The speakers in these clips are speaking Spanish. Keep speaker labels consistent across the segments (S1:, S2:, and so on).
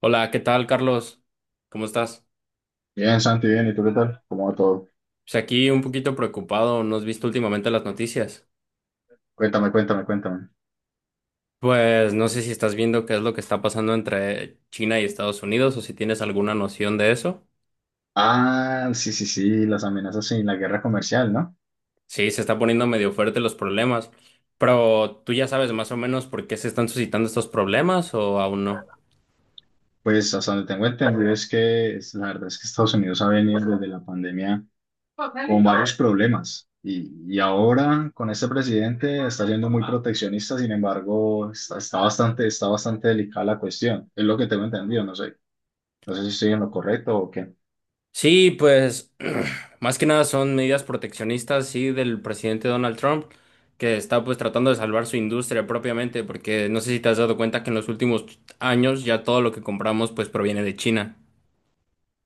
S1: Hola, ¿qué tal, Carlos? ¿Cómo estás?
S2: Bien, Santi, bien, ¿y tú qué tal? ¿Cómo va todo?
S1: Pues aquí un poquito preocupado, ¿no has visto últimamente las noticias?
S2: Cuéntame, cuéntame, cuéntame.
S1: Pues no sé si estás viendo qué es lo que está pasando entre China y Estados Unidos o si tienes alguna noción de eso.
S2: Ah, sí, sí, sí, las amenazas y la guerra comercial, ¿no?
S1: Sí, se está poniendo medio fuerte los problemas, pero ¿tú ya sabes más o menos por qué se están suscitando estos problemas o aún no?
S2: Pues hasta donde tengo entendido la verdad es que Estados Unidos ha venido desde la pandemia con varios problemas y ahora con este presidente está siendo muy proteccionista, sin embargo, está bastante delicada la cuestión, es lo que tengo entendido, no sé si estoy en lo correcto o qué.
S1: Sí, pues más que nada son medidas proteccionistas, sí, del presidente Donald Trump, que está pues tratando de salvar su industria propiamente, porque no sé si te has dado cuenta que en los últimos años ya todo lo que compramos pues proviene de China.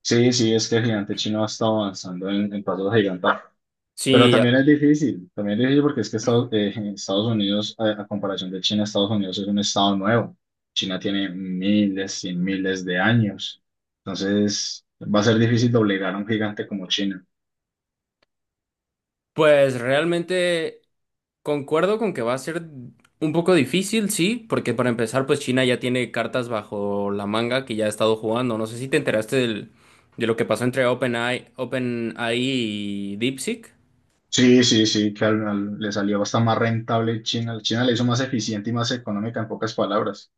S2: Sí, sí, es que el gigante chino ha estado avanzando en pasos gigantes. Pero
S1: Sí,
S2: también
S1: ya-
S2: es difícil, también es difícil porque es que Estados Unidos, a comparación de China, Estados Unidos es un estado nuevo. China tiene miles y miles de años. Entonces, va a ser difícil doblegar a un gigante como China.
S1: pues realmente concuerdo con que va a ser un poco difícil, sí, porque para empezar pues China ya tiene cartas bajo la manga que ya ha estado jugando. No sé si te enteraste de lo que pasó entre OpenAI, OpenAI y DeepSeek.
S2: Sí, sí, sí, que le salió bastante más rentable China. China le hizo más eficiente y más económica en pocas palabras.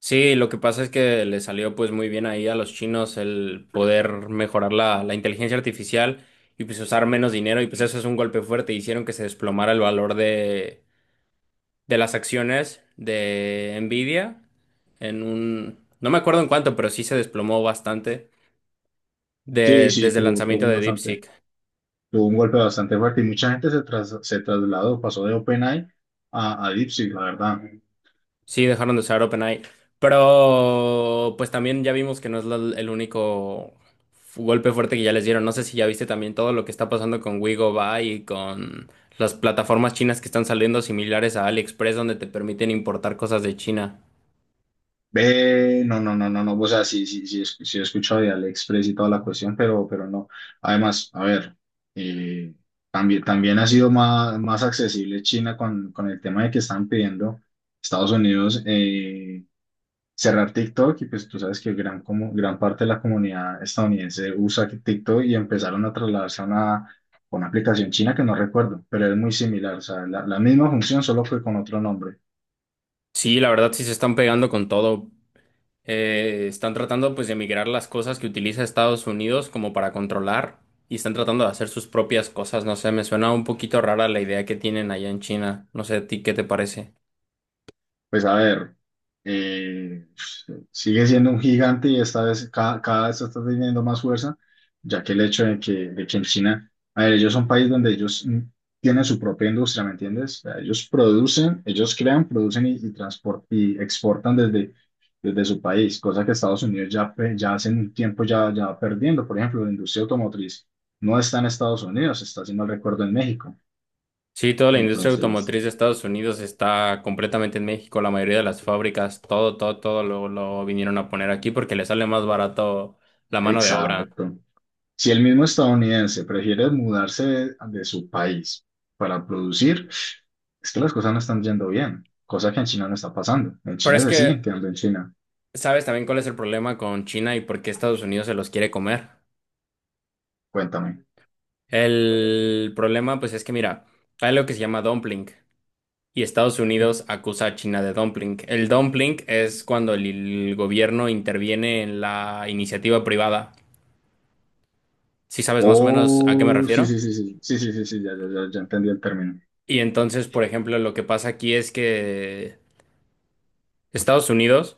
S1: Sí, lo que pasa es que le salió pues muy bien ahí a los chinos el poder mejorar la inteligencia artificial y pues usar menos dinero y pues eso es un golpe fuerte. Hicieron que se desplomara el valor de las acciones de Nvidia en un... No me acuerdo en cuánto, pero sí se desplomó bastante
S2: Sí, sí,
S1: desde el lanzamiento de DeepSeek.
S2: tuvo un golpe bastante fuerte y mucha gente se trasladó, pasó de OpenAI a DeepSeek, la verdad.
S1: Sí, dejaron de usar OpenAI. Pero pues también ya vimos que no es el único golpe fuerte que ya les dieron. No sé si ya viste también todo lo que está pasando con Wigobyte y con las plataformas chinas que están saliendo similares a AliExpress donde te permiten importar cosas de China.
S2: Ve, no, no, no, no, no, o sea, sí, sí, sí, sí he escuchado de AliExpress y toda la cuestión, pero no. Además, a ver, eh, también ha sido más accesible China con el tema de que están pidiendo Estados Unidos cerrar TikTok y pues tú sabes que gran parte de la comunidad estadounidense usa TikTok y empezaron a trasladarse a una aplicación china que no recuerdo, pero es muy similar, o sea, la misma función solo que con otro nombre.
S1: Sí, la verdad sí se están pegando con todo. Están tratando pues de migrar las cosas que utiliza Estados Unidos como para controlar y están tratando de hacer sus propias cosas. No sé, me suena un poquito rara la idea que tienen allá en China. No sé, ¿a ti qué te parece?
S2: Pues a ver, eh, sigue siendo un gigante y esta vez cada vez está teniendo más fuerza, ya que el hecho de que en China, a ver, ellos son un país donde ellos tienen su propia industria, ¿me entiendes? O sea, ellos producen, ellos crean, producen y exportan desde su país, cosa que Estados Unidos ya hace un tiempo ya va perdiendo. Por ejemplo, la industria automotriz no está en Estados Unidos, está, si no recuerdo, en México.
S1: Sí, toda la industria
S2: Entonces,
S1: automotriz de Estados Unidos está completamente en México. La mayoría de las fábricas, todo, todo, todo lo vinieron a poner aquí porque le sale más barato la mano de obra.
S2: exacto. Si el mismo estadounidense prefiere mudarse de su país para producir, es que las cosas no están yendo bien, cosa que en China no está pasando. En
S1: Pero
S2: China
S1: es
S2: se
S1: que,
S2: siguen quedando en China.
S1: ¿sabes también cuál es el problema con China y por qué Estados Unidos se los quiere comer?
S2: Cuéntame.
S1: El problema, pues es que, mira, hay lo que se llama dumpling y Estados Unidos acusa a China de dumpling. El dumpling es cuando el gobierno interviene en la iniciativa privada. ¿Sí sabes más o menos a qué me
S2: Oh, sí,
S1: refiero?
S2: sí, sí, sí, sí, sí, sí, sí, ya, ya, ya, ya entendí el término.
S1: Y entonces, por ejemplo, lo que pasa aquí es que Estados Unidos,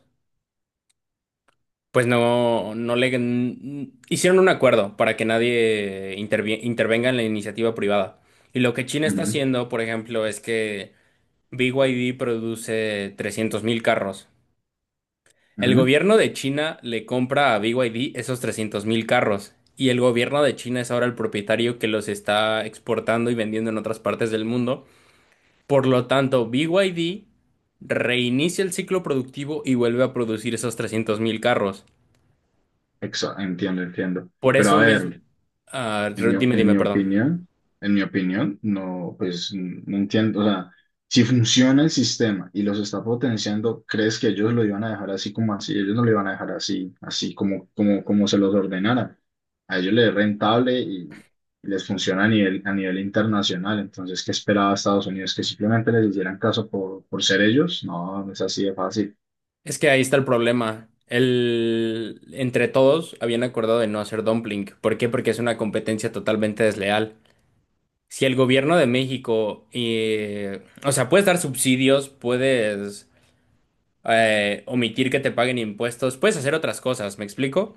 S1: pues no le hicieron un acuerdo para que nadie intervenga en la iniciativa privada. Y lo que China está
S2: Ujú,
S1: haciendo, por ejemplo, es que BYD produce 300,000 carros. El
S2: ujú.
S1: gobierno de China le compra a BYD esos 300,000 carros. Y el gobierno de China es ahora el propietario que los está exportando y vendiendo en otras partes del mundo. Por lo tanto, BYD reinicia el ciclo productivo y vuelve a producir esos 300,000 carros.
S2: Entiendo, entiendo.
S1: Por
S2: Pero
S1: eso
S2: a
S1: mismo...
S2: ver,
S1: ah,
S2: En mi,
S1: dime,
S2: en
S1: dime,
S2: mi
S1: perdón.
S2: opinión, en mi opinión, no, pues no entiendo, o sea, si funciona el sistema y los está potenciando, ¿crees que ellos lo iban a dejar así como así? Ellos no lo iban a dejar así como, como se los ordenara. A ellos les es rentable y les funciona a nivel internacional. Entonces, ¿qué esperaba Estados Unidos? ¿Que simplemente les hicieran caso por ser ellos? No, no es así de fácil.
S1: Es que ahí está el problema. El... Entre todos habían acordado de no hacer dumpling. ¿Por qué? Porque es una competencia totalmente desleal. Si el gobierno de México, o sea, puedes dar subsidios, puedes omitir que te paguen impuestos, puedes hacer otras cosas, ¿me explico?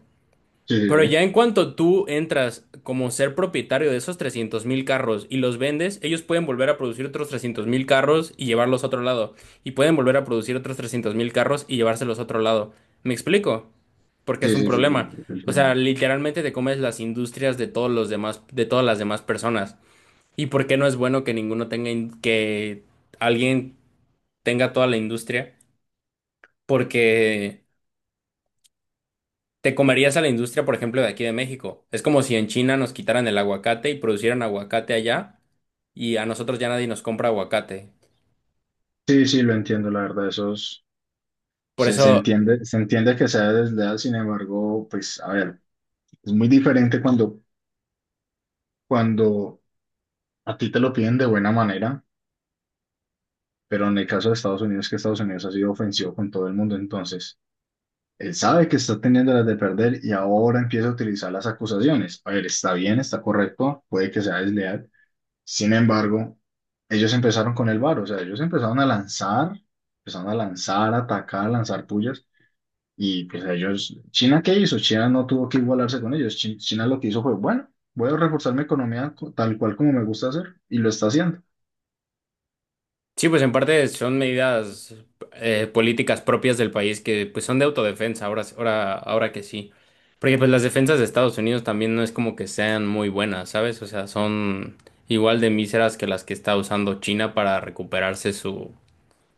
S2: Sí, sí,
S1: Pero
S2: sí.
S1: ya en cuanto tú entras como ser propietario de esos 300,000 carros y los vendes, ellos pueden volver a producir otros 300,000 carros y llevarlos a otro lado. Y pueden volver a producir otros 300,000 carros y llevárselos a otro lado. ¿Me explico? Porque es
S2: Sí,
S1: un
S2: sí, sí, sí, sí,
S1: problema.
S2: lo
S1: O sea,
S2: entiendo.
S1: literalmente te comes las industrias de todos los demás, de todas las demás personas. ¿Y por qué no es bueno que ninguno tenga, que alguien tenga toda la industria? Porque... ¿te comerías a la industria, por ejemplo, de aquí de México? Es como si en China nos quitaran el aguacate y producieran aguacate allá y a nosotros ya nadie nos compra aguacate.
S2: Sí, sí, lo entiendo, la verdad. Esos,
S1: Por
S2: Se, se
S1: eso,
S2: entiende, se entiende que sea desleal, sin embargo, pues a ver, es muy diferente cuando a ti te lo piden de buena manera, pero en el caso de Estados Unidos, que Estados Unidos ha sido ofensivo con todo el mundo, entonces él sabe que está teniendo las de perder y ahora empieza a utilizar las acusaciones. A ver, está bien, está correcto, puede que sea desleal, sin embargo, ellos empezaron con el VAR, o sea, ellos empezaron a lanzar, a atacar, a lanzar pullas. Y pues ellos, ¿China qué hizo? China no tuvo que igualarse con ellos. China lo que hizo fue, bueno, voy a reforzar mi economía tal cual como me gusta hacer y lo está haciendo.
S1: sí, pues en parte son medidas políticas propias del país que pues son de autodefensa, ahora, ahora, ahora que sí. Porque pues las defensas de Estados Unidos también no es como que sean muy buenas, ¿sabes? O sea, son igual de míseras que las que está usando China para recuperarse su...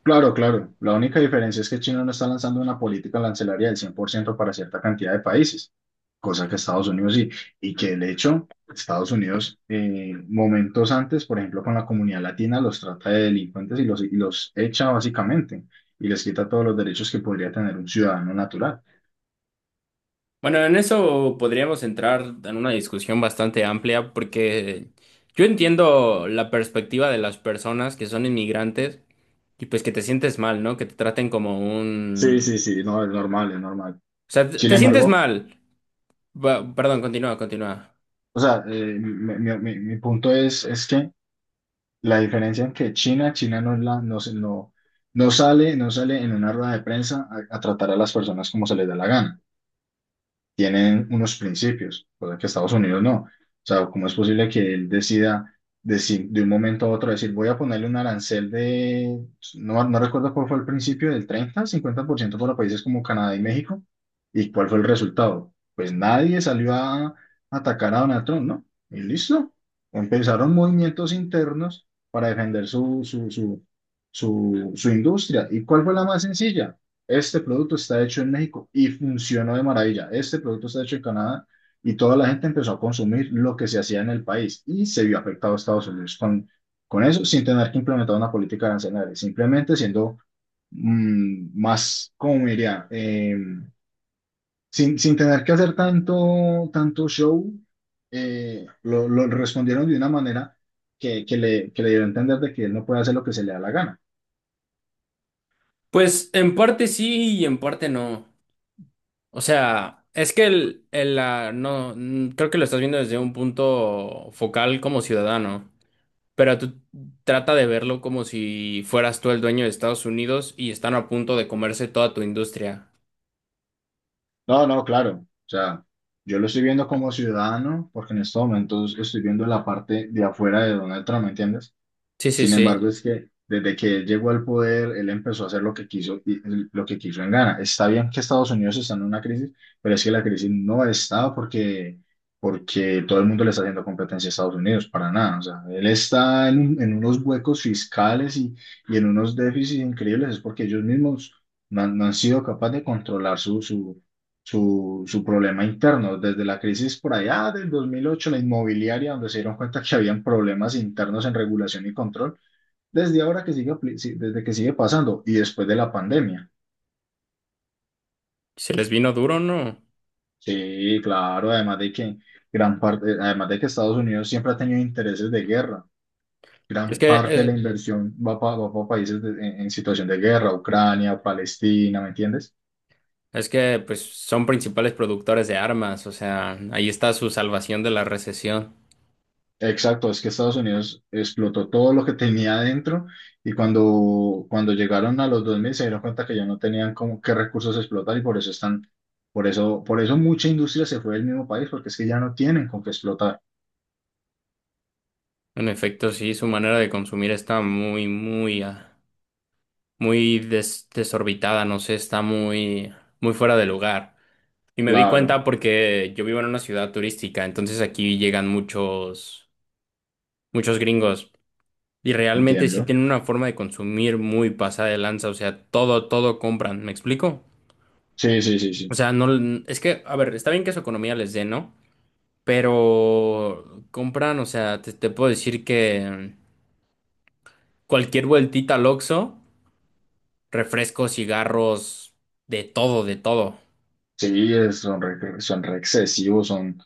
S2: Claro, claro. La única diferencia es que China no está lanzando una política arancelaria del 100% para cierta cantidad de países, cosa que Estados Unidos sí. Y que el hecho, Estados Unidos, momentos antes, por ejemplo, con la comunidad latina, los trata de delincuentes y los echa básicamente y les quita todos los derechos que podría tener un ciudadano natural.
S1: Bueno, en eso podríamos entrar en una discusión bastante amplia porque yo entiendo la perspectiva de las personas que son inmigrantes y pues que te sientes mal, ¿no? Que te traten como
S2: Sí,
S1: un...
S2: sí, sí, no, es normal, es normal.
S1: O sea, te,
S2: Sin
S1: te sientes
S2: embargo,
S1: mal. Perdón, continúa, continúa.
S2: o sea, mi punto es que la diferencia en que China no, es la, no, se- no, no sale en una rueda de prensa a tratar a las personas como se les da la gana. Tienen unos principios, cosa que Estados Unidos no. O sea, ¿cómo es posible que él decida decir, de un momento a otro decir, voy a ponerle un arancel de, no, no recuerdo cuál fue el principio, del 30, 50% para países como Canadá y México? ¿Y cuál fue el resultado? Pues nadie salió a atacar a Donald Trump, ¿no? Y listo. Empezaron movimientos internos para defender su industria. ¿Y cuál fue la más sencilla? Este producto está hecho en México y funcionó de maravilla. Este producto está hecho en Canadá y toda la gente empezó a consumir lo que se hacía en el país y se vio afectado a Estados Unidos con eso, sin tener que implementar una política arancelaria, simplemente siendo más, cómo diría, sin tener que hacer tanto show, lo respondieron de una manera que le dio a entender de que él no puede hacer lo que se le da la gana.
S1: Pues en parte sí y en parte no. O sea, es que no, creo que lo estás viendo desde un punto focal como ciudadano. Pero tú trata de verlo como si fueras tú el dueño de Estados Unidos y están a punto de comerse toda tu industria.
S2: No, no, claro. O sea, yo lo estoy viendo como ciudadano porque en estos momentos estoy viendo la parte de afuera de Donald Trump, ¿me entiendes?
S1: Sí, sí,
S2: Sin
S1: sí.
S2: embargo, es que desde que él llegó al poder, él empezó a hacer lo que quiso y lo que quiso en Ghana. Está bien que Estados Unidos está en una crisis, pero es que la crisis no está porque todo el mundo le está haciendo competencia a Estados Unidos, para nada. O sea, él está en unos huecos fiscales y en unos déficits increíbles, es porque ellos mismos no han sido capaces de controlar su problema interno. Desde la crisis por allá del 2008, la inmobiliaria, donde se dieron cuenta que habían problemas internos en regulación y control, desde ahora que sigue, sí, desde que sigue pasando y después de la pandemia.
S1: Se les vino duro, ¿no?
S2: Sí, claro, además de que Estados Unidos siempre ha tenido intereses de guerra.
S1: Es
S2: Gran
S1: que,
S2: parte de
S1: eh,
S2: la inversión va para países en situación de guerra, Ucrania, Palestina, ¿me entiendes?
S1: es que, pues, son principales productores de armas. O sea, ahí está su salvación de la recesión.
S2: Exacto, es que Estados Unidos explotó todo lo que tenía adentro y cuando llegaron a los 2000 se dieron cuenta que ya no tenían como qué recursos explotar y por eso están, por eso mucha industria se fue del mismo país porque es que ya no tienen con qué explotar.
S1: En efecto, sí, su manera de consumir está muy, muy, muy desorbitada. No sé, está muy, muy fuera de lugar. Y me di
S2: Claro,
S1: cuenta porque yo vivo en una ciudad turística, entonces aquí llegan muchos, muchos gringos. Y realmente sí
S2: entiendo.
S1: tienen una forma de consumir muy pasada de lanza, o sea, todo, todo compran, ¿me explico?
S2: Sí, sí, sí,
S1: O
S2: sí.
S1: sea, no, es que, a ver, está bien que su economía les dé, ¿no? Pero compran, o sea, te puedo decir que cualquier vueltita al Oxxo, refrescos, cigarros, de todo, de todo.
S2: Sí, son re excesivos,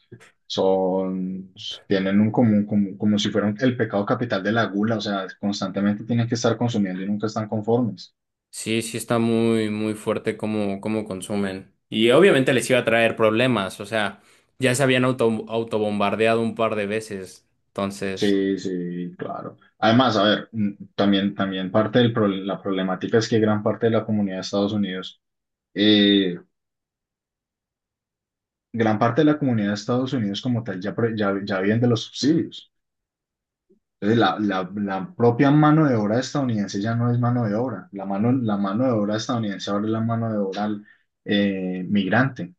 S2: son, tienen un común, como si fueran el pecado capital de la gula, o sea, constantemente tienen que estar consumiendo y nunca están conformes.
S1: Sí, sí está muy, muy fuerte cómo consumen. Y obviamente les iba a traer problemas, o sea, ya se habían autobombardeado un par de veces, entonces...
S2: Sí, sí, claro. Además, a ver, también parte de la problemática es que gran parte de la comunidad de Estados Unidos, eh, gran parte de la comunidad de Estados Unidos como tal ya viven de los subsidios. Entonces, la propia mano de obra estadounidense ya no es mano de obra. La mano de obra estadounidense ahora es la mano de obra migrante.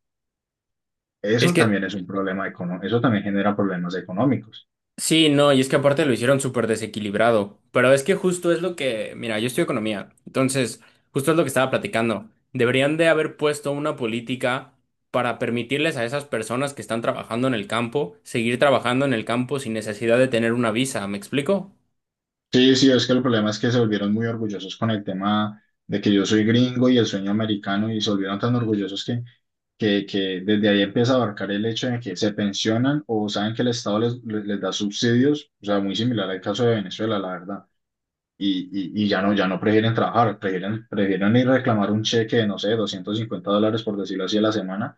S1: Es
S2: Eso
S1: que...
S2: también es un problema económico, eso también genera problemas económicos.
S1: Sí, no, y es que aparte lo hicieron súper desequilibrado, pero es que justo es lo que, mira, yo estudio economía, entonces justo es lo que estaba platicando. Deberían de haber puesto una política para permitirles a esas personas que están trabajando en el campo seguir trabajando en el campo sin necesidad de tener una visa, ¿me explico?
S2: Sí, sí, es que el problema es que se volvieron muy orgullosos con el tema de que yo soy gringo y el sueño americano y se volvieron tan orgullosos que, que desde ahí empieza a abarcar el hecho de que se pensionan o saben que el Estado les da subsidios, o sea, muy similar al caso de Venezuela, la verdad y ya no prefieren trabajar, prefieren ir a reclamar un cheque de, no sé, $250, por decirlo así, a la semana,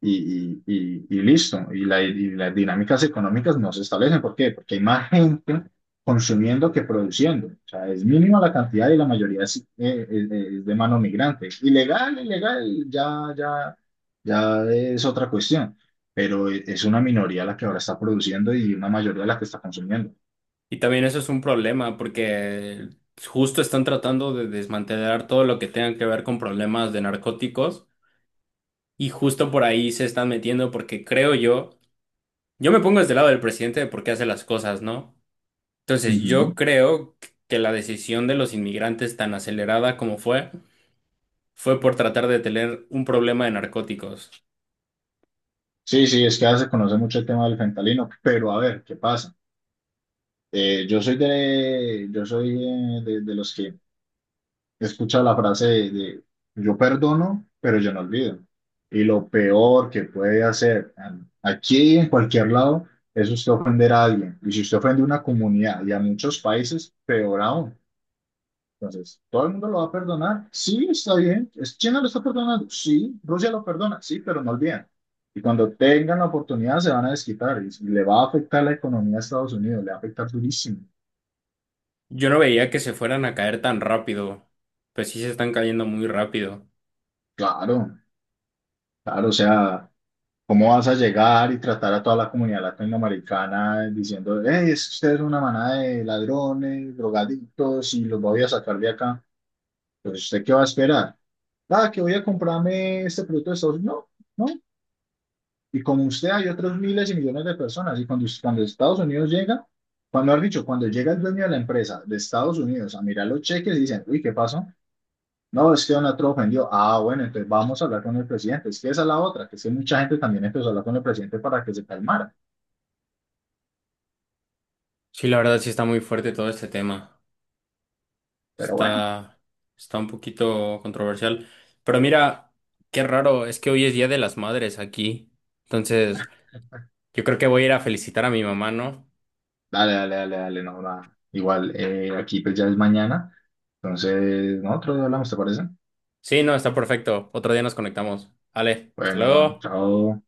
S2: y listo. Y las dinámicas económicas no se establecen. ¿Por qué? Porque hay más gente consumiendo que produciendo. O sea, es mínima la cantidad y la mayoría es de mano migrante. Ilegal, ilegal, ya, ya, ya es otra cuestión. Pero es una minoría la que ahora está produciendo y una mayoría la que está consumiendo.
S1: Y también eso es un problema porque justo están tratando de desmantelar todo lo que tenga que ver con problemas de narcóticos. Y justo por ahí se están metiendo porque creo yo... Yo me pongo desde el lado del presidente de por qué hace las cosas, ¿no? Entonces, yo
S2: Ujú.
S1: creo que la decisión de los inmigrantes tan acelerada como fue, fue por tratar de tener un problema de narcóticos.
S2: Sí, sí, es que ya se conoce mucho el tema del fentanilo, pero a ver, ¿qué pasa? De los que escucha la frase de, yo perdono, pero yo no olvido. Y lo peor que puede hacer aquí y en cualquier lado es usted ofender a alguien. Y si usted ofende a una comunidad y a muchos países, peor aún. Entonces, ¿todo el mundo lo va a perdonar? Sí, está bien. ¿China lo está perdonando? Sí. ¿Rusia lo perdona? Sí, pero no olviden. Y cuando tengan la oportunidad se van a desquitar y le va a afectar la economía a Estados Unidos, le va a afectar durísimo.
S1: Yo no veía que se fueran a caer tan rápido. Pues sí se están cayendo muy rápido.
S2: Claro, claro, o sea, ¿cómo vas a llegar y tratar a toda la comunidad latinoamericana diciendo, hey, es que usted es una manada de ladrones, drogadictos y los voy a sacar de acá? Pues, ¿usted qué va a esperar? Ah, que voy a comprarme este producto de Estados Unidos. No, no. Y como usted hay otros miles y millones de personas. Y cuando Estados Unidos llega, cuando han dicho, cuando llega el dueño de la empresa de Estados Unidos a mirar los cheques y dicen, uy, ¿qué pasó? No, es que Donald Trump ofendió. Ah, bueno, entonces vamos a hablar con el presidente. Es que esa es la otra, que es que mucha gente también empezó a hablar con el presidente para que se calmara.
S1: Sí, la verdad sí está muy fuerte todo este tema.
S2: Pero bueno,
S1: Está, está un poquito controversial. Pero mira, qué raro, es que hoy es Día de las Madres aquí. Entonces, yo creo que voy a ir a felicitar a mi mamá, ¿no?
S2: dale, dale, dale, dale, no, va. Igual aquí pues ya es mañana. Entonces, nosotros hablamos, ¿te parece?
S1: Sí, no, está perfecto. Otro día nos conectamos. Vale, hasta
S2: Bueno,
S1: luego.
S2: chao.